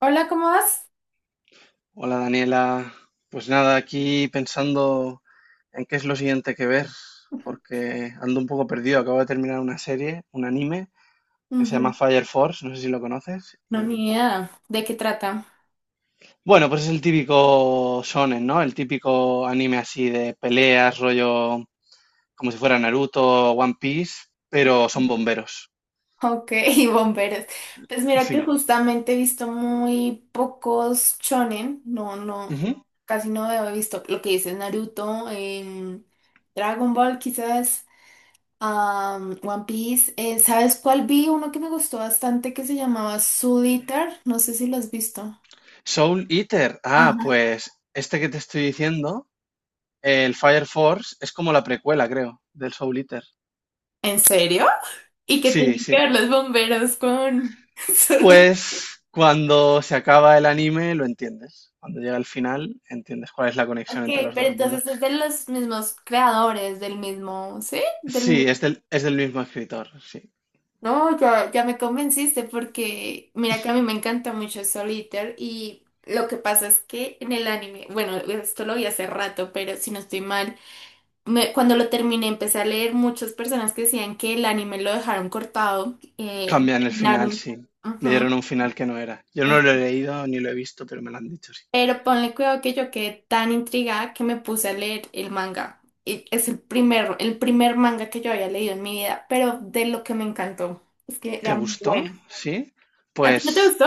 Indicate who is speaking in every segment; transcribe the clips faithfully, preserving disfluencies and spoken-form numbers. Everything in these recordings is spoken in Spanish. Speaker 1: Hola, ¿cómo vas?
Speaker 2: Hola Daniela, pues nada, aquí pensando en qué es lo siguiente que ver, porque ando un poco perdido. Acabo de terminar una serie, un anime, que se
Speaker 1: Ujú.
Speaker 2: llama Fire Force, no sé si lo conoces.
Speaker 1: No,
Speaker 2: Y,
Speaker 1: ni idea. ¿De qué trata?
Speaker 2: bueno, pues es el típico shonen, ¿no? El típico anime así de peleas, rollo como si fuera Naruto, One Piece, pero son bomberos.
Speaker 1: Ok, bomberos. Pues mira que
Speaker 2: Sí.
Speaker 1: justamente he visto muy pocos shonen. No, no,
Speaker 2: Ujú.
Speaker 1: casi no he visto lo que dices Naruto, em, Dragon Ball quizás, am, One Piece. Eh, ¿sabes cuál vi? Uno que me gustó bastante que se llamaba Soul Eater. No sé si lo has visto.
Speaker 2: Soul Eater, ah,
Speaker 1: Ajá.
Speaker 2: pues este que te estoy diciendo, el Fire Force, es como la precuela, creo, del Soul Eater.
Speaker 1: ¿En serio? ¿Y qué
Speaker 2: Sí,
Speaker 1: tienen que
Speaker 2: sí.
Speaker 1: ver los bomberos con... Soul.
Speaker 2: Pues cuando se acaba el anime lo entiendes. Cuando llega al final entiendes cuál es la
Speaker 1: Ok,
Speaker 2: conexión entre los
Speaker 1: pero
Speaker 2: dos mundos.
Speaker 1: entonces es de los mismos creadores, del mismo, ¿sí? Del...
Speaker 2: Sí, es del, es del mismo escritor, sí.
Speaker 1: No, ya, ya me convenciste porque mira que a mí me encanta mucho Solitaire y lo que pasa es que en el anime, bueno, esto lo vi hace rato, pero si no estoy mal, me- cuando lo terminé empecé a leer muchas personas que decían que el anime lo dejaron cortado, eh, lo
Speaker 2: Cambian el final,
Speaker 1: terminaron.
Speaker 2: sí. Le dieron
Speaker 1: Ujú.
Speaker 2: un final que no era. Yo no lo he leído ni lo he visto, pero me lo han dicho, sí.
Speaker 1: Pero ponle cuidado que yo quedé tan intrigada que me puse a leer el manga. Y es el primer, el primer manga que yo había leído en mi vida, pero de lo que me encantó. Es que era
Speaker 2: ¿Te
Speaker 1: muy
Speaker 2: gustó?
Speaker 1: bueno.
Speaker 2: Sí.
Speaker 1: ¿A ti no te
Speaker 2: Pues,
Speaker 1: gustó?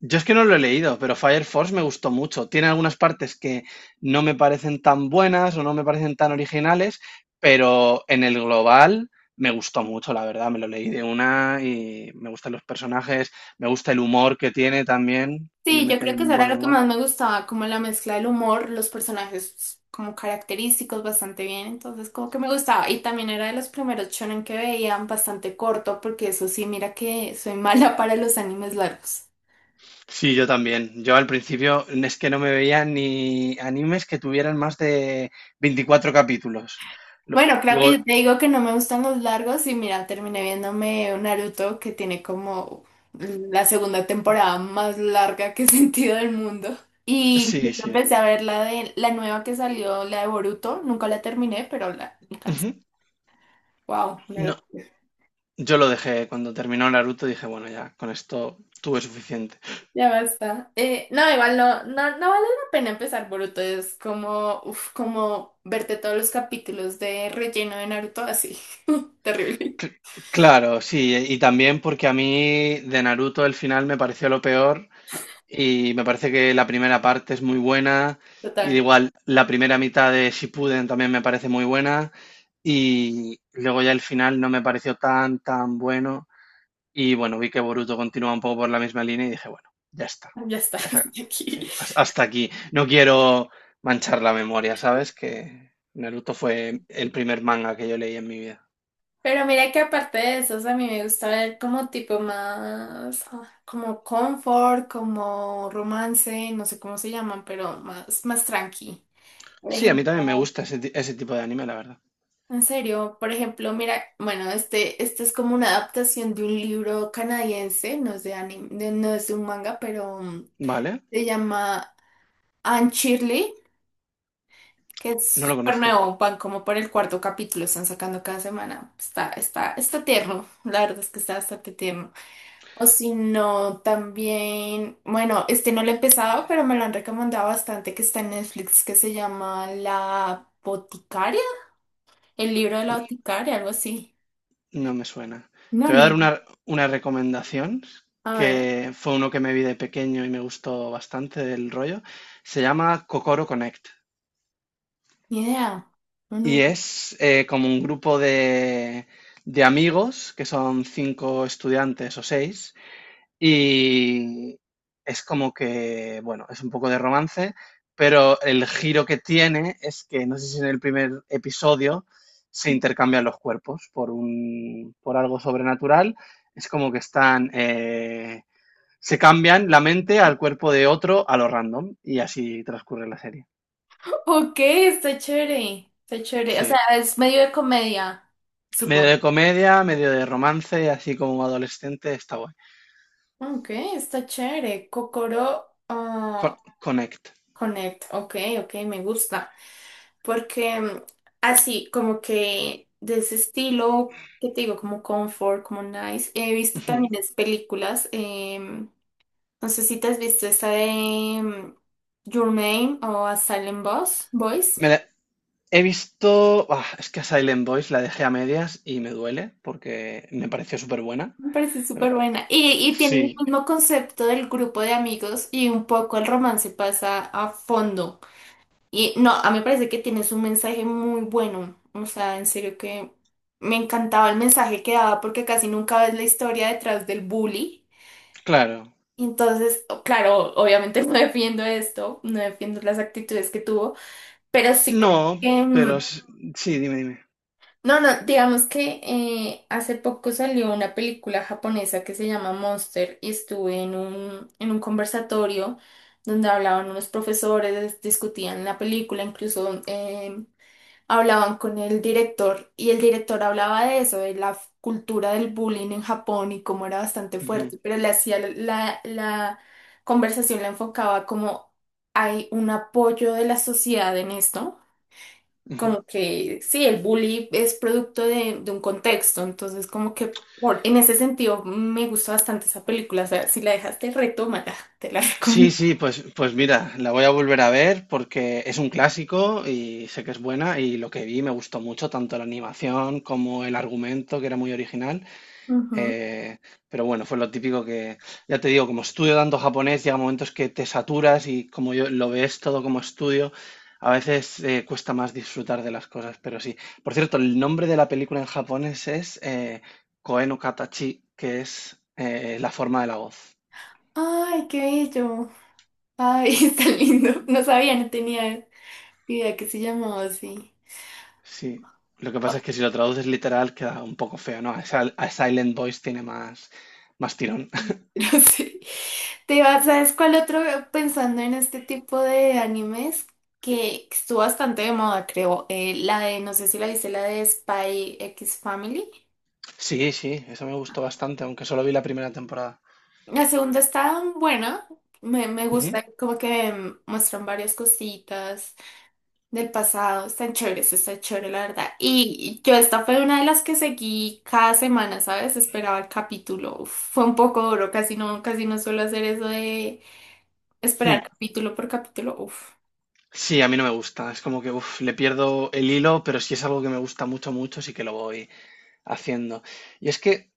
Speaker 2: yo es que no lo he leído, pero Fire Force me gustó mucho. Tiene algunas partes que no me parecen tan buenas o no me parecen tan originales, pero en el global me gustó mucho, la verdad. Me lo leí de una y me gustan los personajes, me gusta el humor que tiene también, que le
Speaker 1: Sí, yo
Speaker 2: mete ahí
Speaker 1: creo que eso
Speaker 2: un
Speaker 1: era
Speaker 2: buen
Speaker 1: lo que
Speaker 2: humor.
Speaker 1: más me gustaba, como la mezcla del humor, los personajes como característicos bastante bien, entonces como que me gustaba. Y también era de los primeros shonen que veían bastante corto, porque eso sí, mira que soy mala para los animes largos.
Speaker 2: Sí, yo también. Yo al principio es que no me veía ni animes que tuvieran más de veinticuatro capítulos. Lo-
Speaker 1: Bueno, creo que
Speaker 2: Luego,
Speaker 1: yo te digo que no me gustan los largos y mira, terminé viéndome un Naruto que tiene como la segunda temporada más larga que he sentido del mundo. Y
Speaker 2: sí,
Speaker 1: incluso
Speaker 2: sí.
Speaker 1: empecé a ver la de la nueva que salió, la de Boruto. Nunca la terminé, pero la alcancé.
Speaker 2: Ujú.
Speaker 1: Wow, una
Speaker 2: No,
Speaker 1: locura.
Speaker 2: yo lo dejé cuando terminó Naruto, dije, bueno, ya, con esto tuve suficiente.
Speaker 1: Ya basta. Eh, no, igual no, no, no vale la pena empezar Boruto. Es como, uf, como verte todos los capítulos de relleno de Naruto así. Terrible.
Speaker 2: Cl- claro, sí, y también porque a mí de Naruto el final me pareció lo peor y me parece que la primera parte es muy buena y
Speaker 1: Total.
Speaker 2: igual la primera mitad de Shippuden también me parece muy buena y luego ya el final no me pareció tan, tan bueno. Y bueno, vi que Boruto continuaba un poco por la misma línea y dije, bueno, ya está,
Speaker 1: Ya está,
Speaker 2: ya se ha-
Speaker 1: hasta aquí.
Speaker 2: dije, "Has- hasta aquí. No quiero manchar la memoria, ¿sabes? Que Naruto fue el primer manga que yo leí en mi vida.
Speaker 1: Pero mira que aparte de esos, a mí me gusta ver como tipo más, ah, como confort, como romance, no sé cómo se llaman, pero más, más tranqui. Por
Speaker 2: Sí, a mí también me
Speaker 1: ejemplo,
Speaker 2: gusta ese, ti- ese tipo de anime, la verdad.
Speaker 1: en serio, por ejemplo, mira, bueno, este, este es como una adaptación de un libro canadiense, no es de anime, de- no es de un manga, pero mm,
Speaker 2: Vale,
Speaker 1: se llama Anne Shirley, que es
Speaker 2: no lo
Speaker 1: súper
Speaker 2: conozco,
Speaker 1: nuevo, van como por el cuarto capítulo, están sacando cada semana. Está, está, está tierno, la verdad es que está bastante tierno. O si no, también, bueno, este no lo he empezado, pero me lo han recomendado bastante, que está en Netflix, que se llama La Boticaria, el libro de la boticaria, algo así.
Speaker 2: no me suena.
Speaker 1: No,
Speaker 2: Te voy
Speaker 1: ni,
Speaker 2: a dar una, una recomendación
Speaker 1: a ver,
Speaker 2: que fue uno que me vi de pequeño y me gustó bastante del rollo. Se llama Kokoro Connect.
Speaker 1: ni idea. No, no
Speaker 2: Y
Speaker 1: lo-
Speaker 2: es eh, como un grupo de, de amigos, que son cinco estudiantes o seis, y es como que, bueno, es un poco de romance, pero el giro que tiene es que, no sé si en el primer episodio se intercambian los cuerpos por, un, por algo sobrenatural, es como que están, eh, se cambian la mente al cuerpo de otro a lo random, y así transcurre la serie.
Speaker 1: Ok, está chévere, está chévere. O sea,
Speaker 2: Sí,
Speaker 1: es medio de comedia,
Speaker 2: medio de
Speaker 1: supongo.
Speaker 2: comedia, medio de romance, así como adolescente, está guay.
Speaker 1: Ok, está chévere. Kokoro
Speaker 2: Co-
Speaker 1: ah,
Speaker 2: Connect.
Speaker 1: Connect, ok, ok, me gusta. Porque mm, así, como que de ese estilo, que te digo, como comfort, como nice, he visto
Speaker 2: Ujú.
Speaker 1: también es películas. em, no sé si te has visto esa de em, Your Name o A Silent Boss, Voice.
Speaker 2: Me la- He visto. Ah, es que a Silent Boys la dejé a medias y me duele porque me pareció súper buena.
Speaker 1: Me parece súper buena. Y, y tiene el
Speaker 2: Sí,
Speaker 1: mismo concepto del grupo de amigos y un poco el romance pasa a fondo. Y no, a mí me parece que tienes un mensaje muy bueno. O sea, en serio que me encantaba el mensaje que daba porque casi nunca ves la historia detrás del bully.
Speaker 2: claro.
Speaker 1: Entonces, o- claro, obviamente no defiendo esto, no defiendo las actitudes que tuvo, pero sí como
Speaker 2: No,
Speaker 1: que... mm,
Speaker 2: pero s- sí, dime, dime.
Speaker 1: No, no, digamos que eh, hace poco salió una película japonesa que se llama Monster y estuve en un, en un conversatorio donde hablaban unos profesores, discutían la película, incluso... em, hablaban con el director y el director hablaba de eso, de la f- cultura del bullying en Japón y cómo era bastante
Speaker 2: Ujú,
Speaker 1: fuerte, pero le hacía la, la conversación la enfocaba como hay un apoyo de la sociedad en esto,
Speaker 2: ujú.
Speaker 1: como que sí, el bullying es producto de, de un contexto, entonces como que por- en ese sentido me gustó bastante esa película, o sea, si la dejaste, retómala, te la
Speaker 2: Sí,
Speaker 1: recomiendo.
Speaker 2: sí, pues, pues mira, la voy a volver a ver porque es un clásico y sé que es buena y lo que vi me gustó mucho, tanto la animación como el argumento, que era muy original.
Speaker 1: Ujú.
Speaker 2: Eh, pero bueno, fue lo típico que, ya te digo, como estudio tanto japonés, llega momentos que te saturas y como yo lo ves todo como estudio, a veces eh, cuesta más disfrutar de las cosas, pero sí. Por cierto, el nombre de la película en japonés es eh, Koe no Katachi, que es eh, la forma de la voz.
Speaker 1: Ay, qué bello. Ay, está lindo. No sabía, no tenía. Mira que se llamaba así.
Speaker 2: Sí. Lo que pasa
Speaker 1: Ah,
Speaker 2: es que si lo traduces literal queda un poco feo, ¿no? A Sil- a Silent Voice tiene más, más tirón.
Speaker 1: no sé. Te iba, ¿sabes cuál otro? Pensando en este tipo de animes que estuvo bastante de moda, creo. Eh, la de, no sé si la viste, la de Spy X Family.
Speaker 2: Sí, sí, eso me gustó bastante, aunque solo vi la primera temporada.
Speaker 1: La segunda está buena. Me, me
Speaker 2: Ujú.
Speaker 1: gusta, como que mm, muestran varias cositas del pasado. Están chéveres, está chévere, la verdad. Y yo esta fue una de las que seguí cada semana, ¿sabes? Esperaba el capítulo. Uf, fue un poco duro, casi no, casi no suelo hacer eso de
Speaker 2: Hmm.
Speaker 1: esperar capítulo por capítulo, uff.
Speaker 2: Sí, a mí no me gusta. Es como que uf, le pierdo el hilo, pero si es algo que me gusta mucho, mucho, sí que lo voy haciendo. Y es que,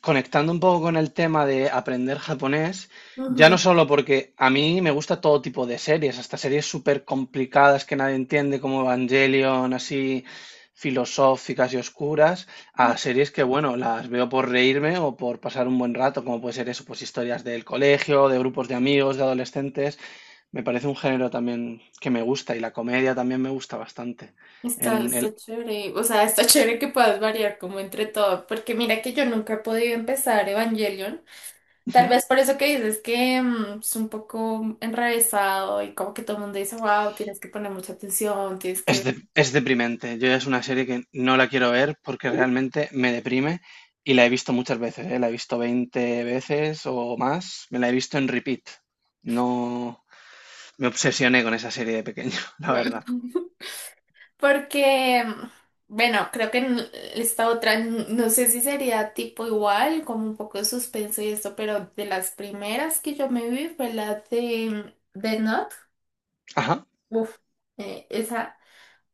Speaker 2: conectando un poco con el tema de aprender japonés, ya no
Speaker 1: Ujú.
Speaker 2: solo porque a mí me gusta todo tipo de series, hasta series súper complicadas que nadie entiende, como Evangelion, así filosóficas y oscuras, a series que, bueno, las veo por reírme o por pasar un buen rato, como puede ser eso, pues historias del colegio, de grupos de amigos, de adolescentes. Me parece un género también que me gusta y la comedia también me gusta bastante.
Speaker 1: Está,
Speaker 2: En el.
Speaker 1: está chévere, o sea, está chévere que puedas variar como entre todo, porque mira que yo nunca he podido empezar Evangelion, tal
Speaker 2: Ujú.
Speaker 1: vez por eso que dices que mm, es un poco enrevesado y como que todo el mundo dice, wow, tienes que poner mucha atención, tienes
Speaker 2: Es,
Speaker 1: que...
Speaker 2: de- es deprimente. Yo ya es una serie que no la quiero ver porque realmente me deprime y la he visto muchas veces, ¿eh? La he visto veinte veces o más. Me la he visto en repeat. No me obsesioné con esa serie de pequeño, la
Speaker 1: Guau.
Speaker 2: verdad.
Speaker 1: Porque, mm, bueno, creo que en esta otra, n- no sé si sería tipo igual, como un poco de suspenso y esto, pero de las primeras que yo me vi fue la de mm, Death Note.
Speaker 2: Ajá.
Speaker 1: Uf, eh, esa,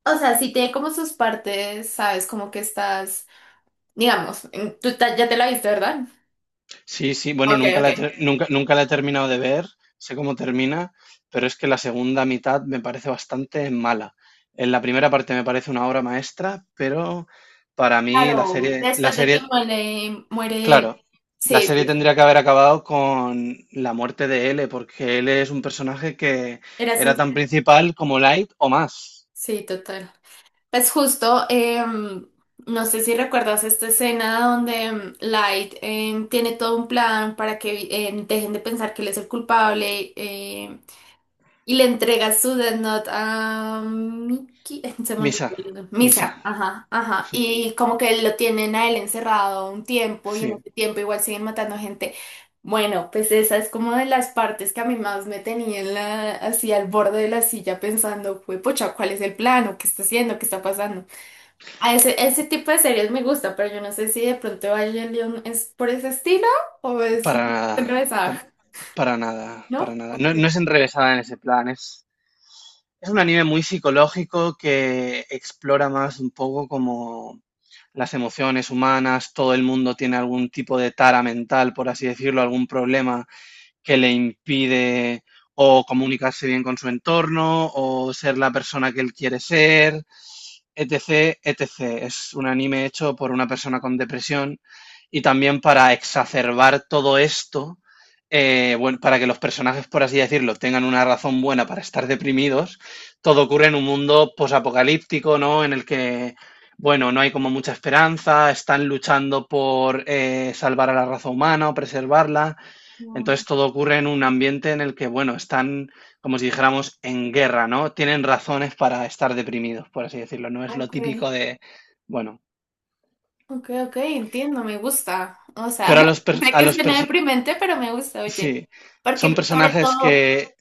Speaker 1: o sea, sí tiene como sus partes, sabes, como que estás, digamos, en- tú ta- ya te la viste, ¿verdad?
Speaker 2: Sí, sí, bueno,
Speaker 1: Ok,
Speaker 2: nunca
Speaker 1: ok.
Speaker 2: la he, ter- nunca, nunca la he terminado de ver, sé cómo termina, pero es que la segunda mitad me parece bastante mala. En la primera parte me parece una obra maestra, pero para mí la
Speaker 1: Claro,
Speaker 2: serie, la
Speaker 1: después de que
Speaker 2: serie,
Speaker 1: muere, muere él.
Speaker 2: claro, la
Speaker 1: Sí,
Speaker 2: serie
Speaker 1: sí,
Speaker 2: tendría que haber acabado con la muerte de L, porque L es un personaje que
Speaker 1: era
Speaker 2: era
Speaker 1: sens-
Speaker 2: tan principal como Light o más.
Speaker 1: sí, total. Pues justo, em, no sé si recuerdas esta escena donde em, Light em, tiene todo un plan para que em, dejen de pensar que él es el culpable, em, y le entrega su Death Note a Miki. Se me olvidó
Speaker 2: Misa,
Speaker 1: el nombre.
Speaker 2: Misa,
Speaker 1: Misa, ajá, ajá. Y como que lo tienen a él encerrado un tiempo y en
Speaker 2: sí,
Speaker 1: ese tiempo igual siguen matando gente. Bueno, pues esa es como de las partes que a mí más me tenía en la, así al borde de la silla pensando, fue pucha, ¿cuál es el plano? ¿Qué está haciendo? ¿Qué está pasando? A ese, ese tipo de series me gusta, pero yo no sé si de pronto Evangelion es por ese estilo o es
Speaker 2: para nada, pa-
Speaker 1: enrevesada,
Speaker 2: para, nada, para
Speaker 1: ¿no?
Speaker 2: nada. No,
Speaker 1: Ok.
Speaker 2: no es enrevesada en ese plan, es Es un anime muy psicológico que explora más un poco como las emociones humanas, todo el mundo tiene algún tipo de tara mental, por así decirlo, algún problema que le impide o comunicarse bien con su entorno o ser la persona que él quiere ser etcétera etcétera. Es un anime hecho por una persona con depresión y también para exacerbar todo esto, eh, bueno, para que los personajes, por así decirlo, tengan una razón buena para estar deprimidos, todo ocurre en un mundo posapocalíptico, ¿no? En el que, bueno, no hay como mucha esperanza, están luchando por eh, salvar a la raza humana o preservarla,
Speaker 1: No,
Speaker 2: entonces todo ocurre en un ambiente en el que, bueno, están, como si dijéramos, en guerra, ¿no? Tienen razones para estar deprimidos, por así decirlo. No es lo
Speaker 1: ok.
Speaker 2: típico de, bueno,
Speaker 1: Ok, ok, entiendo, me gusta. O sea,
Speaker 2: pero a los, per-
Speaker 1: sé
Speaker 2: a
Speaker 1: que
Speaker 2: los
Speaker 1: suena
Speaker 2: perso-
Speaker 1: deprimente, pero me gusta, oye.
Speaker 2: sí, son
Speaker 1: Porque sobre
Speaker 2: personajes
Speaker 1: todo
Speaker 2: que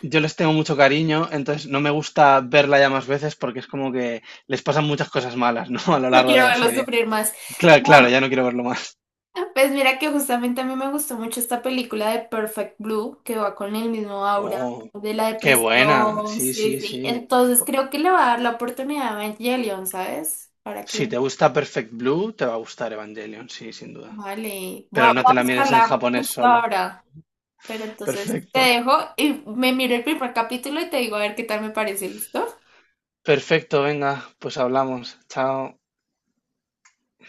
Speaker 2: yo les tengo mucho cariño, entonces no me gusta verla ya más veces porque es como que les pasan muchas cosas malas, ¿no? A lo
Speaker 1: no
Speaker 2: largo de
Speaker 1: quiero
Speaker 2: la
Speaker 1: verlos
Speaker 2: serie.
Speaker 1: sufrir más.
Speaker 2: Claro, claro,
Speaker 1: No,
Speaker 2: ya no quiero verlo más.
Speaker 1: pues mira que justamente a mí me gustó mucho esta película de Perfect Blue, que va con el mismo aura
Speaker 2: Oh,
Speaker 1: de la
Speaker 2: qué buena.
Speaker 1: depresión,
Speaker 2: Sí,
Speaker 1: sí,
Speaker 2: sí,
Speaker 1: sí.
Speaker 2: sí.
Speaker 1: Entonces
Speaker 2: Po-
Speaker 1: creo que le va a dar la oportunidad a Evangelion, ¿sabes? Para que
Speaker 2: Si
Speaker 1: lo...
Speaker 2: te gusta Perfect Blue, te va a gustar Evangelion, sí, sin duda.
Speaker 1: Vale, voy a,
Speaker 2: Pero
Speaker 1: voy
Speaker 2: no
Speaker 1: a
Speaker 2: te la mires en
Speaker 1: buscarla
Speaker 2: japonés
Speaker 1: justo
Speaker 2: solo.
Speaker 1: ahora. Pero entonces te
Speaker 2: Perfecto.
Speaker 1: dejo y me miro el primer capítulo y te digo a ver qué tal me parece, ¿listo?
Speaker 2: Perfecto, venga, pues hablamos. Chao.